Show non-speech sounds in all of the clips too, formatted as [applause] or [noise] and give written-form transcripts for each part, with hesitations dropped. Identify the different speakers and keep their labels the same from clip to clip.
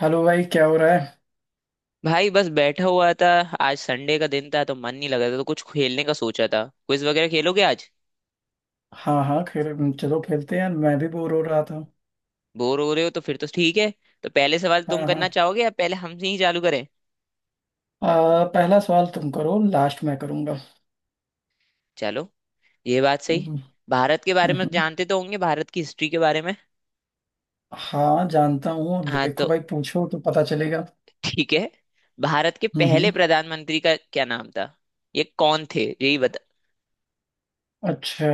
Speaker 1: Hello भाई, क्या हो रहा है।
Speaker 2: भाई बस बैठा हुआ था। आज संडे का दिन था तो मन नहीं लग रहा था तो कुछ खेलने का सोचा था। क्विज वगैरह खेलोगे आज?
Speaker 1: हाँ हाँ, खेल, चलो खेलते हैं यार, मैं भी बोर हो रहा था।
Speaker 2: बोर हो रहे हो तो फिर तो ठीक है। तो पहले सवाल
Speaker 1: हाँ
Speaker 2: तुम
Speaker 1: हाँ।
Speaker 2: करना चाहोगे या पहले हमसे ही चालू करें?
Speaker 1: पहला सवाल तुम करो, लास्ट मैं करूंगा।
Speaker 2: चलो, ये बात
Speaker 1: हम्म।
Speaker 2: सही।
Speaker 1: हम्म।
Speaker 2: भारत के बारे में
Speaker 1: हम्म।
Speaker 2: जानते तो होंगे, भारत की हिस्ट्री के बारे में।
Speaker 1: हाँ, जानता हूँ। अब
Speaker 2: हाँ
Speaker 1: देखो
Speaker 2: तो
Speaker 1: भाई, पूछो तो पता चलेगा।
Speaker 2: ठीक है। भारत के
Speaker 1: हम्म।
Speaker 2: पहले
Speaker 1: हम्म।
Speaker 2: प्रधानमंत्री का क्या नाम था? ये कौन थे यही बता।
Speaker 1: अच्छा।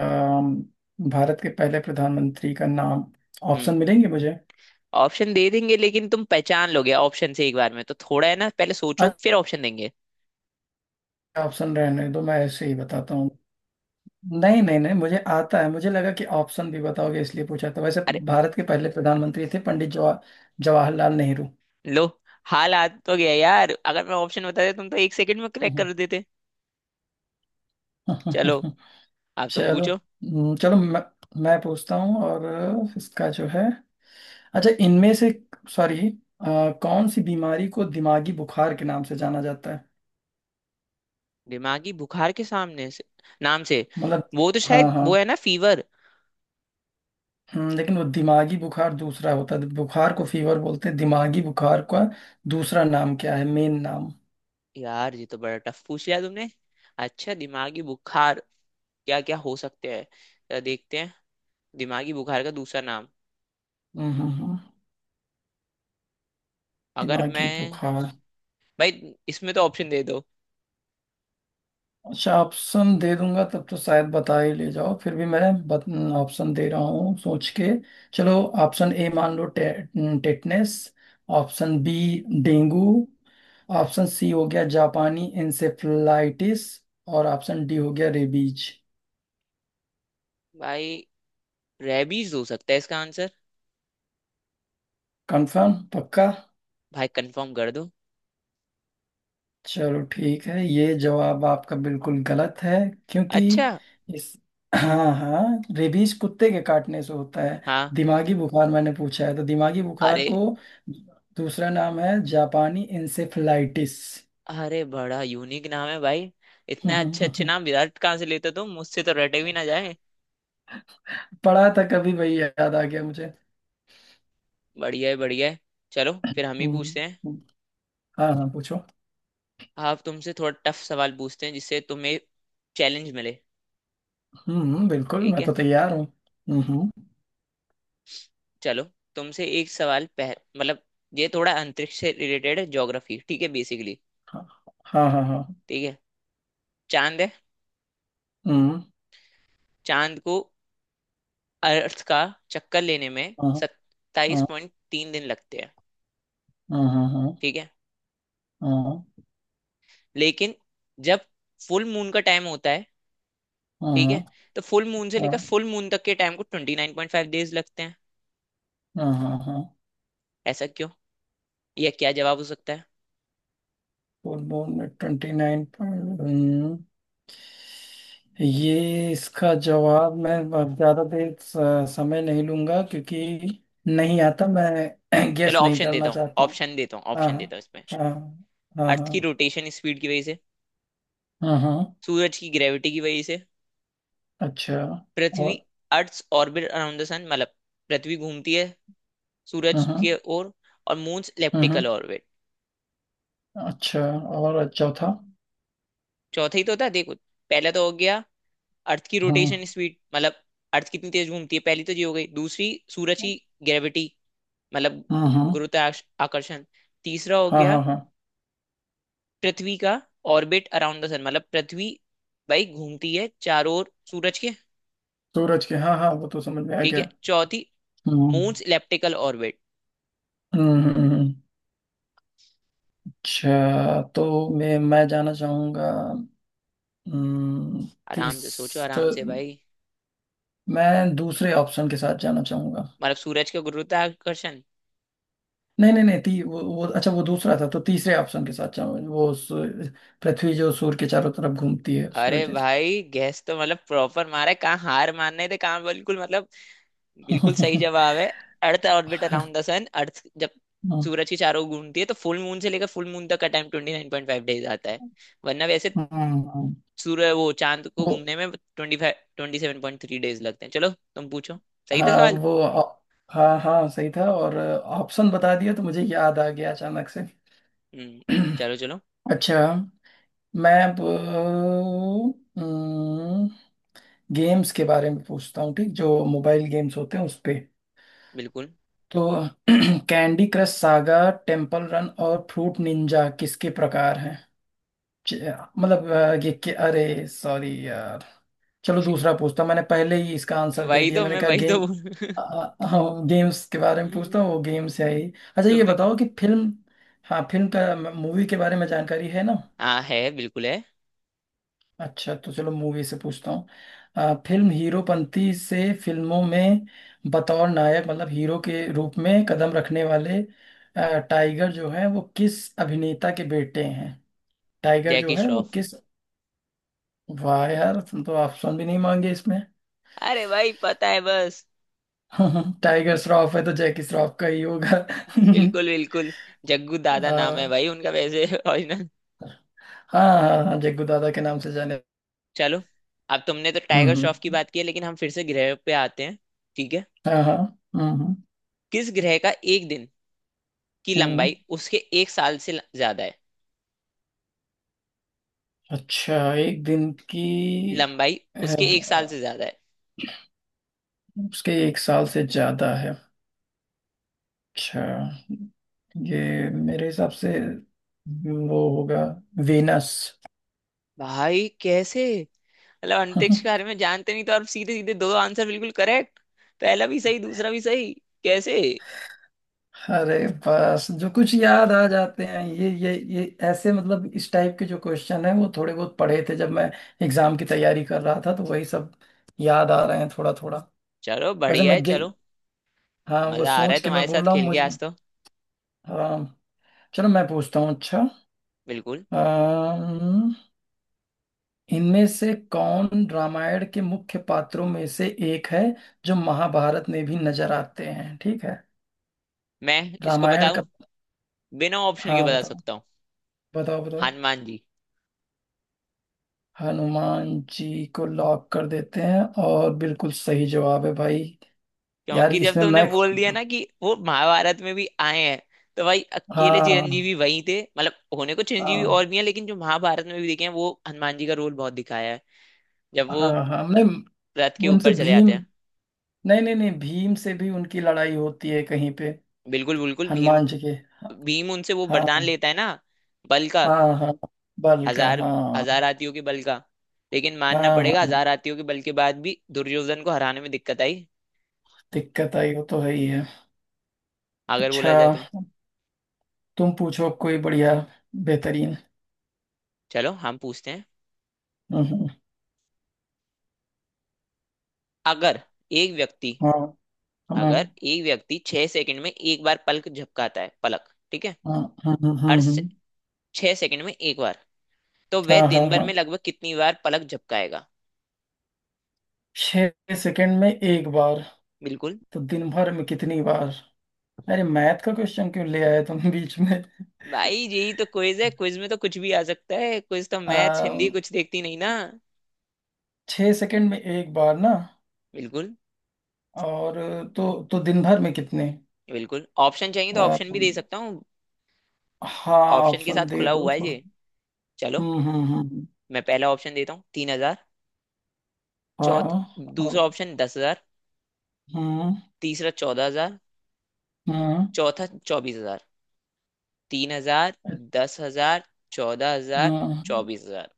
Speaker 1: अम, भारत के पहले प्रधानमंत्री का नाम।
Speaker 2: हम्म।
Speaker 1: ऑप्शन मिलेंगे मुझे।
Speaker 2: ऑप्शन दे देंगे लेकिन तुम पहचान लोगे ऑप्शन से एक बार में तो, थोड़ा है ना, पहले सोचो
Speaker 1: अच्छा,
Speaker 2: फिर ऑप्शन देंगे।
Speaker 1: ऑप्शन रहने दो, मैं ऐसे ही बताता हूँ। नहीं नहीं नहीं, मुझे आता है। मुझे लगा कि ऑप्शन भी बताओगे इसलिए पूछा था। वैसे
Speaker 2: अरे
Speaker 1: भारत के पहले प्रधानमंत्री थे पंडित जवाहरलाल नेहरू।
Speaker 2: लो। हाल आ तो गया यार, अगर मैं ऑप्शन बताते तुम तो एक सेकंड में
Speaker 1: हम्म।
Speaker 2: क्रैक
Speaker 1: हम्म।
Speaker 2: कर देते। चलो,
Speaker 1: [laughs]
Speaker 2: अब तुम
Speaker 1: चलो।
Speaker 2: पूछो।
Speaker 1: हम्म। चलो, मैं पूछता हूँ, और इसका जो है। अच्छा, इनमें से। सॉरी। कौन सी बीमारी को दिमागी बुखार के नाम से जाना जाता है।
Speaker 2: दिमागी बुखार के सामने से, नाम से।
Speaker 1: मतलब।
Speaker 2: वो तो
Speaker 1: हाँ
Speaker 2: शायद वो है
Speaker 1: हाँ।
Speaker 2: ना फीवर।
Speaker 1: लेकिन वो दिमागी बुखार दूसरा होता है। बुखार को फीवर बोलते हैं। दिमागी बुखार का दूसरा नाम क्या है, मेन नाम।
Speaker 2: यार ये तो बड़ा टफ पूछ लिया तुमने। अच्छा, दिमागी बुखार क्या क्या हो सकते हैं, जरा देखते हैं। दिमागी बुखार का दूसरा नाम।
Speaker 1: हम्म। हम्म। हम्म।
Speaker 2: अगर
Speaker 1: दिमागी
Speaker 2: मैं
Speaker 1: बुखार।
Speaker 2: भाई इसमें तो ऑप्शन दे दो।
Speaker 1: अच्छा, ऑप्शन दे दूंगा तब तो शायद बता ही ले जाओ, फिर भी मैं बत, ऑप्शन दे रहा हूँ सोच के। चलो। ऑप्शन ए मान लो, tetanus. Option B, dengue. Option C हो गया जापानी इंसेफ्लाइटिस। और ऑप्शन डी हो गया रेबीज।
Speaker 2: भाई रेबीज हो सकता है इसका आंसर।
Speaker 1: कंफर्म? पक्का?
Speaker 2: भाई कंफर्म कर दो।
Speaker 1: चलो ठीक है, ये जवाब आपका बिल्कुल गलत है। क्योंकि
Speaker 2: अच्छा।
Speaker 1: इस, हाँ हाँ, रेबीज कुत्ते के काटने से होता है।
Speaker 2: हाँ।
Speaker 1: दिमागी बुखार मैंने पूछा है, तो दिमागी बुखार
Speaker 2: अरे।
Speaker 1: को दूसरा नाम है जापानी इंसेफ्लाइटिस।
Speaker 2: अरे बड़ा यूनिक नाम है भाई। इतने अच्छे अच्छे
Speaker 1: [laughs]
Speaker 2: नाम विराट कहाँ से लेते हो? तुम मुझसे तो रटे भी ना जाए।
Speaker 1: पढ़ा था कभी, वही याद आ गया मुझे।
Speaker 2: बढ़िया है बढ़िया है। चलो फिर हम ही
Speaker 1: हम्म।
Speaker 2: पूछते हैं।
Speaker 1: हम्म। हाँ हाँ, पूछो।
Speaker 2: आप तुमसे थोड़ा टफ सवाल पूछते हैं जिससे तुम्हें चैलेंज मिले।
Speaker 1: हम्म। हम्म। बिल्कुल,
Speaker 2: ठीक
Speaker 1: मैं
Speaker 2: है।
Speaker 1: तो तैयार हूँ। हम्म। हम्म।
Speaker 2: चलो। तुमसे एक सवाल पह मतलब, ये थोड़ा अंतरिक्ष से रिलेटेड है, ज्योग्राफी ठीक है बेसिकली।
Speaker 1: हाँ हाँ हाँ हाँ।
Speaker 2: ठीक है। चांद है।
Speaker 1: हम्म।
Speaker 2: चांद को अर्थ का चक्कर लेने में
Speaker 1: हाँ
Speaker 2: सत्ताईस
Speaker 1: हाँ
Speaker 2: पॉइंट तीन दिन लगते हैं।
Speaker 1: हाँ हाँ हाँ
Speaker 2: ठीक है।
Speaker 1: हाँ
Speaker 2: लेकिन जब फुल मून का टाइम होता है,
Speaker 1: हाँ
Speaker 2: ठीक है,
Speaker 1: हाँ
Speaker 2: तो फुल मून से लेकर फुल मून तक के टाइम को 29.5 डेज लगते हैं।
Speaker 1: हाँ हाँ हाँ।
Speaker 2: ऐसा क्यों, यह क्या जवाब हो सकता है?
Speaker 1: फुल मून में ट्वेंटी नाइन पॉइंट। ये इसका जवाब मैं अब ज्यादा देर समय नहीं लूंगा, क्योंकि नहीं आता। मैं [clears throat]
Speaker 2: चलो
Speaker 1: गेस नहीं
Speaker 2: ऑप्शन
Speaker 1: करना
Speaker 2: देता हूँ,
Speaker 1: चाहता हूँ।
Speaker 2: ऑप्शन देता हूँ,
Speaker 1: हाँ
Speaker 2: ऑप्शन देता हूँ इसमें।
Speaker 1: हाँ हाँ
Speaker 2: अर्थ
Speaker 1: हाँ
Speaker 2: की रोटेशन स्पीड की वजह से।
Speaker 1: हाँ हाँ।
Speaker 2: सूरज की ग्रेविटी की वजह से।
Speaker 1: अच्छा।
Speaker 2: पृथ्वी,
Speaker 1: और,
Speaker 2: earth orbit around the sun, मतलब पृथ्वी घूमती है सूरज
Speaker 1: हाँ हाँ
Speaker 2: की ओर। और मून्स
Speaker 1: हाँ।
Speaker 2: Elliptical orbit.
Speaker 1: अच्छा, और चौथा।
Speaker 2: चौथा ही तो था, देखो। पहला तो हो गया, अर्थ की रोटेशन
Speaker 1: हाँ
Speaker 2: स्पीड, मतलब अर्थ कितनी तेज घूमती है, पहली तो ये हो गई। दूसरी, सूरज की ग्रेविटी, मतलब
Speaker 1: हाँ हाँ
Speaker 2: गुरुत्वाकर्षण। तीसरा हो
Speaker 1: हाँ
Speaker 2: गया,
Speaker 1: हाँ हाँ।
Speaker 2: पृथ्वी का ऑर्बिट अराउंड द सन, मतलब पृथ्वी भाई घूमती है चारों ओर सूरज के।
Speaker 1: सूरज के, हाँ हाँ, वो तो समझ में आ
Speaker 2: ठीक है।
Speaker 1: गया।
Speaker 2: चौथी,
Speaker 1: hmm.
Speaker 2: Moons elliptical orbit.
Speaker 1: Hmm. Hmm. Hmm. अच्छा, तो मैं जाना चाहूंगा। हम्म।
Speaker 2: आराम से सोचो,
Speaker 1: 30 तो,
Speaker 2: आराम से भाई।
Speaker 1: मैं दूसरे ऑप्शन के साथ जाना चाहूंगा।
Speaker 2: मतलब सूरज का गुरुत्वाकर्षण?
Speaker 1: नहीं नहीं नहीं, वो अच्छा, वो दूसरा था, तो तीसरे ऑप्शन के साथ जाऊंगा, वो पृथ्वी जो सूर्य के चारों तरफ घूमती है, उसकी
Speaker 2: अरे
Speaker 1: वजह से।
Speaker 2: भाई गैस तो मतलब प्रॉपर मारा है। कहाँ हार मानने थे, कहाँ। बिल्कुल मतलब बिल्कुल सही जवाब
Speaker 1: [laughs]
Speaker 2: है। Earth orbit around the sun, earth जब सूरज के चारों ओर घूमती है तो फुल मून से लेकर फुल मून तक का टाइम 29.5 डेज आता है। वरना वैसे
Speaker 1: हम्म।
Speaker 2: सूर्य, वो चांद को
Speaker 1: वो,
Speaker 2: घूमने में ट्वेंटी फाइव 27.3 डेज लगते हैं। चलो तुम पूछो। सही था
Speaker 1: हाँ
Speaker 2: सवाल।
Speaker 1: वो हाँ हाँ, सही था। और ऑप्शन बता दिया तो मुझे याद आ गया अचानक से।
Speaker 2: हम्म। चलो चलो।
Speaker 1: [clears throat] अच्छा, मैं अब गेम्स के बारे में पूछता हूँ, ठीक, जो मोबाइल गेम्स होते हैं उस पे।
Speaker 2: बिल्कुल।
Speaker 1: तो [clears throat] candy crush saga, temple run और फ्रूट निंजा किसके प्रकार हैं। च- मतलब ये कि, अरे सॉरी यार। चलो दूसरा
Speaker 2: [laughs]
Speaker 1: पूछता हूं। मैंने पहले ही इसका आंसर दे
Speaker 2: वही
Speaker 1: दिया,
Speaker 2: तो
Speaker 1: मैंने
Speaker 2: मैं,
Speaker 1: कहा
Speaker 2: वही तो
Speaker 1: गेम।
Speaker 2: बोल।
Speaker 1: अ, हाँ, गेम्स के बारे में पूछता
Speaker 2: [laughs]
Speaker 1: हूँ, वो गेम्स है ही। अच्छा, ये
Speaker 2: तुमने की।
Speaker 1: बताओ कि फिल्म, हाँ फिल्म का, मूवी के बारे में जानकारी है ना।
Speaker 2: हाँ है बिल्कुल है।
Speaker 1: अच्छा, तो चलो मूवी से पूछता हूँ। फिल्म हीरोपंती से फिल्मों में बतौर नायक, मतलब हीरो के रूप में कदम रखने वाले टाइगर जो है वो किस अभिनेता के बेटे हैं। टाइगर जो
Speaker 2: जैकी
Speaker 1: है वो
Speaker 2: श्रॉफ।
Speaker 1: किस। वाह यार, तुम तो ऑप्शन भी नहीं मांगे इसमें।
Speaker 2: अरे भाई पता है बस।
Speaker 1: [laughs] टाइगर श्रॉफ है तो जैकी श्रॉफ का ही होगा।
Speaker 2: बिल्कुल
Speaker 1: [laughs]
Speaker 2: बिल्कुल। जग्गू दादा नाम है
Speaker 1: हाँ
Speaker 2: भाई उनका वैसे [laughs] ओरिजिनल।
Speaker 1: हाँ हाँ हाँ, जग्गू दादा के नाम से जाने।
Speaker 2: चलो। अब तुमने तो
Speaker 1: हम्म।
Speaker 2: टाइगर श्रॉफ की
Speaker 1: हम्म।
Speaker 2: बात की है लेकिन हम फिर से ग्रह पे आते हैं। ठीक है।
Speaker 1: हाँ हाँ। हम्म। हम्म।
Speaker 2: किस ग्रह का एक दिन की
Speaker 1: हम्म।
Speaker 2: लंबाई उसके एक साल से ज्यादा है?
Speaker 1: अच्छा, एक दिन की
Speaker 2: लंबाई उसके एक साल
Speaker 1: अ,
Speaker 2: से ज्यादा है।
Speaker 1: उसके एक साल से ज्यादा है। अच्छा, ये मेरे हिसाब से वो होगा वेनस।
Speaker 2: भाई कैसे, मतलब अंतरिक्ष के
Speaker 1: [laughs]
Speaker 2: बारे में जानते नहीं तो आप सीधे सीधे दो आंसर बिल्कुल करेक्ट। पहला भी सही दूसरा भी सही। कैसे?
Speaker 1: अरे, बस जो कुछ याद आ जाते हैं, ये ऐसे, मतलब इस टाइप के जो क्वेश्चन है वो थोड़े बहुत पढ़े थे जब मैं एग्जाम की तैयारी कर रहा था, तो वही सब याद आ रहे हैं थोड़ा थोड़ा।
Speaker 2: चलो
Speaker 1: वैसे
Speaker 2: बढ़िया है,
Speaker 1: मैं गे
Speaker 2: चलो।
Speaker 1: हाँ, वो
Speaker 2: मजा आ रहा है
Speaker 1: सोच के मैं
Speaker 2: तुम्हारे साथ
Speaker 1: बोल रहा हूँ
Speaker 2: खेल के आज
Speaker 1: मुझे।
Speaker 2: तो।
Speaker 1: हाँ। चलो मैं पूछता हूँ। अच्छा,
Speaker 2: बिल्कुल।
Speaker 1: इनमें से कौन रामायण के मुख्य पात्रों में से एक है, जो महाभारत में भी नजर आते हैं, ठीक है।
Speaker 2: मैं इसको
Speaker 1: रामायण
Speaker 2: बताऊं,
Speaker 1: का।
Speaker 2: बिना ऑप्शन के
Speaker 1: हाँ
Speaker 2: बता
Speaker 1: बताओ,
Speaker 2: सकता हूँ।
Speaker 1: बताओ बताओ।
Speaker 2: हनुमान जी।
Speaker 1: हनुमान जी को लॉक कर देते हैं, और बिल्कुल सही जवाब है भाई। यार
Speaker 2: क्योंकि जब
Speaker 1: इसमें
Speaker 2: तुमने
Speaker 1: मैं,
Speaker 2: बोल दिया ना कि वो महाभारत में भी आए हैं, तो भाई अकेले चिरंजीवी
Speaker 1: हाँ
Speaker 2: वही थे। मतलब होने को चिरंजीवी
Speaker 1: हाँ
Speaker 2: और भी हैं लेकिन जो महाभारत में भी दिखे हैं वो हनुमान जी का रोल बहुत दिखाया है। जब
Speaker 1: हाँ
Speaker 2: वो
Speaker 1: हाँ, हमने,
Speaker 2: रथ के
Speaker 1: उनसे
Speaker 2: ऊपर चले
Speaker 1: भीम,
Speaker 2: जाते हैं।
Speaker 1: नहीं नहीं नहीं, भीम से भी उनकी लड़ाई होती है कहीं पे।
Speaker 2: बिल्कुल बिल्कुल। भीम,
Speaker 1: हनुमान जी के,
Speaker 2: भीम उनसे वो वरदान
Speaker 1: हाँ
Speaker 2: लेता है ना, बल का।
Speaker 1: हाँ, हाँ बल का,
Speaker 2: हजार
Speaker 1: हाँ।
Speaker 2: हजार हाथियों के बल का। लेकिन मानना
Speaker 1: हाँ
Speaker 2: पड़ेगा
Speaker 1: हाँ,
Speaker 2: 1,000 हाथियों के बल के बाद भी दुर्योधन को हराने में दिक्कत आई,
Speaker 1: दिक्कत आई, वो तो है ही है।
Speaker 2: अगर
Speaker 1: अच्छा,
Speaker 2: बोला जाए तो।
Speaker 1: तुम पूछो अब कोई बढ़िया, बेहतरीन।
Speaker 2: चलो हम पूछते हैं।
Speaker 1: हम्म।
Speaker 2: अगर एक व्यक्ति
Speaker 1: हाँ हाँ।
Speaker 2: अगर एक व्यक्ति 6 सेकंड में एक बार पलक झपकाता है, पलक, ठीक है?
Speaker 1: हाँ हाँ हाँ हाँ
Speaker 2: हर
Speaker 1: हाँ
Speaker 2: से, 6 सेकंड में एक बार, तो
Speaker 1: हाँ
Speaker 2: वह
Speaker 1: हाँ
Speaker 2: दिन
Speaker 1: हाँ,
Speaker 2: भर में
Speaker 1: हाँ।
Speaker 2: लगभग कितनी बार पलक झपकाएगा?
Speaker 1: 6 सेकंड में एक बार,
Speaker 2: बिल्कुल।
Speaker 1: तो दिन भर में कितनी बार, अरे मैथ का क्वेश्चन क्यों ले आए तुम बीच में।
Speaker 2: भाई यही तो क्विज है, क्विज में तो कुछ भी आ सकता है, क्विज तो मैथ्स हिंदी
Speaker 1: आ,
Speaker 2: कुछ देखती नहीं ना।
Speaker 1: 6 सेकंड में एक बार ना,
Speaker 2: बिल्कुल।
Speaker 1: और तो दिन भर में कितने।
Speaker 2: बिल्कुल ऑप्शन चाहिए तो
Speaker 1: आ,
Speaker 2: ऑप्शन भी दे सकता हूँ,
Speaker 1: हाँ,
Speaker 2: ऑप्शन के साथ
Speaker 1: ऑप्शन दे
Speaker 2: खुला
Speaker 1: दो
Speaker 2: हुआ है
Speaker 1: थोड़ा।
Speaker 2: ये। चलो,
Speaker 1: हम्म। हम्म। हम्म।
Speaker 2: मैं पहला ऑप्शन देता हूँ, 3,000। चौथ
Speaker 1: हाँ,
Speaker 2: दूसरा ऑप्शन 10,000।
Speaker 1: हम्म।
Speaker 2: तीसरा 14,000।
Speaker 1: हम्म।
Speaker 2: चौथा 24,000। 3,000, 10,000, 14,000,
Speaker 1: हम्म।
Speaker 2: 24,000।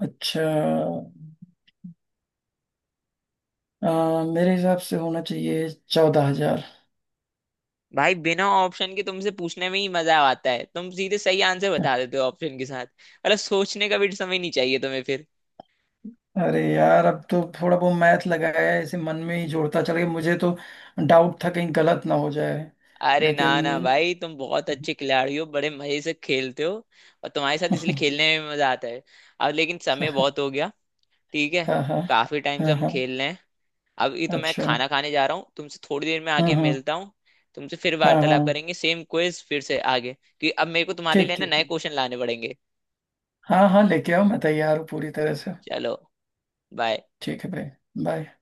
Speaker 1: अच्छा, मेरे हिसाब से होना चाहिए 14,000।
Speaker 2: भाई बिना ऑप्शन के तुमसे पूछने में ही मजा आता है, तुम सीधे सही आंसर बता देते हो। ऑप्शन के साथ मतलब सोचने का भी समय नहीं चाहिए तुम्हें फिर।
Speaker 1: अरे यार, अब तो थोड़ा बहुत मैथ लगाया है, ऐसे मन में ही जोड़ता चला गया, मुझे तो डाउट था कहीं गलत ना हो जाए,
Speaker 2: अरे ना
Speaker 1: लेकिन
Speaker 2: ना भाई तुम बहुत अच्छे खिलाड़ी हो, बड़े मजे से खेलते हो। और तुम्हारे साथ इसलिए
Speaker 1: [laughs]
Speaker 2: खेलने में भी मजा आता है। अब लेकिन समय बहुत हो गया, ठीक है?
Speaker 1: हाँ हाँ
Speaker 2: काफी टाइम से
Speaker 1: हाँ
Speaker 2: हम
Speaker 1: हाँ।
Speaker 2: खेल रहे हैं। अब ये तो मैं
Speaker 1: अच्छा।
Speaker 2: खाना खाने जा रहा हूँ, तुमसे थोड़ी देर में
Speaker 1: हम्म।
Speaker 2: आके
Speaker 1: हम्म।
Speaker 2: मिलता हूँ। तुमसे फिर
Speaker 1: हाँ हाँ।
Speaker 2: वार्तालाप करेंगे सेम क्विज फिर से आगे, क्योंकि अब मेरे को तुम्हारे
Speaker 1: ठीक
Speaker 2: लिए ना
Speaker 1: ठीक
Speaker 2: नए
Speaker 1: ठीक।
Speaker 2: क्वेश्चन लाने पड़ेंगे।
Speaker 1: हाँ हाँ, लेके आओ, मैं तैयार हूँ पूरी तरह से।
Speaker 2: चलो। बाय।
Speaker 1: ठीक है भाई, बाय।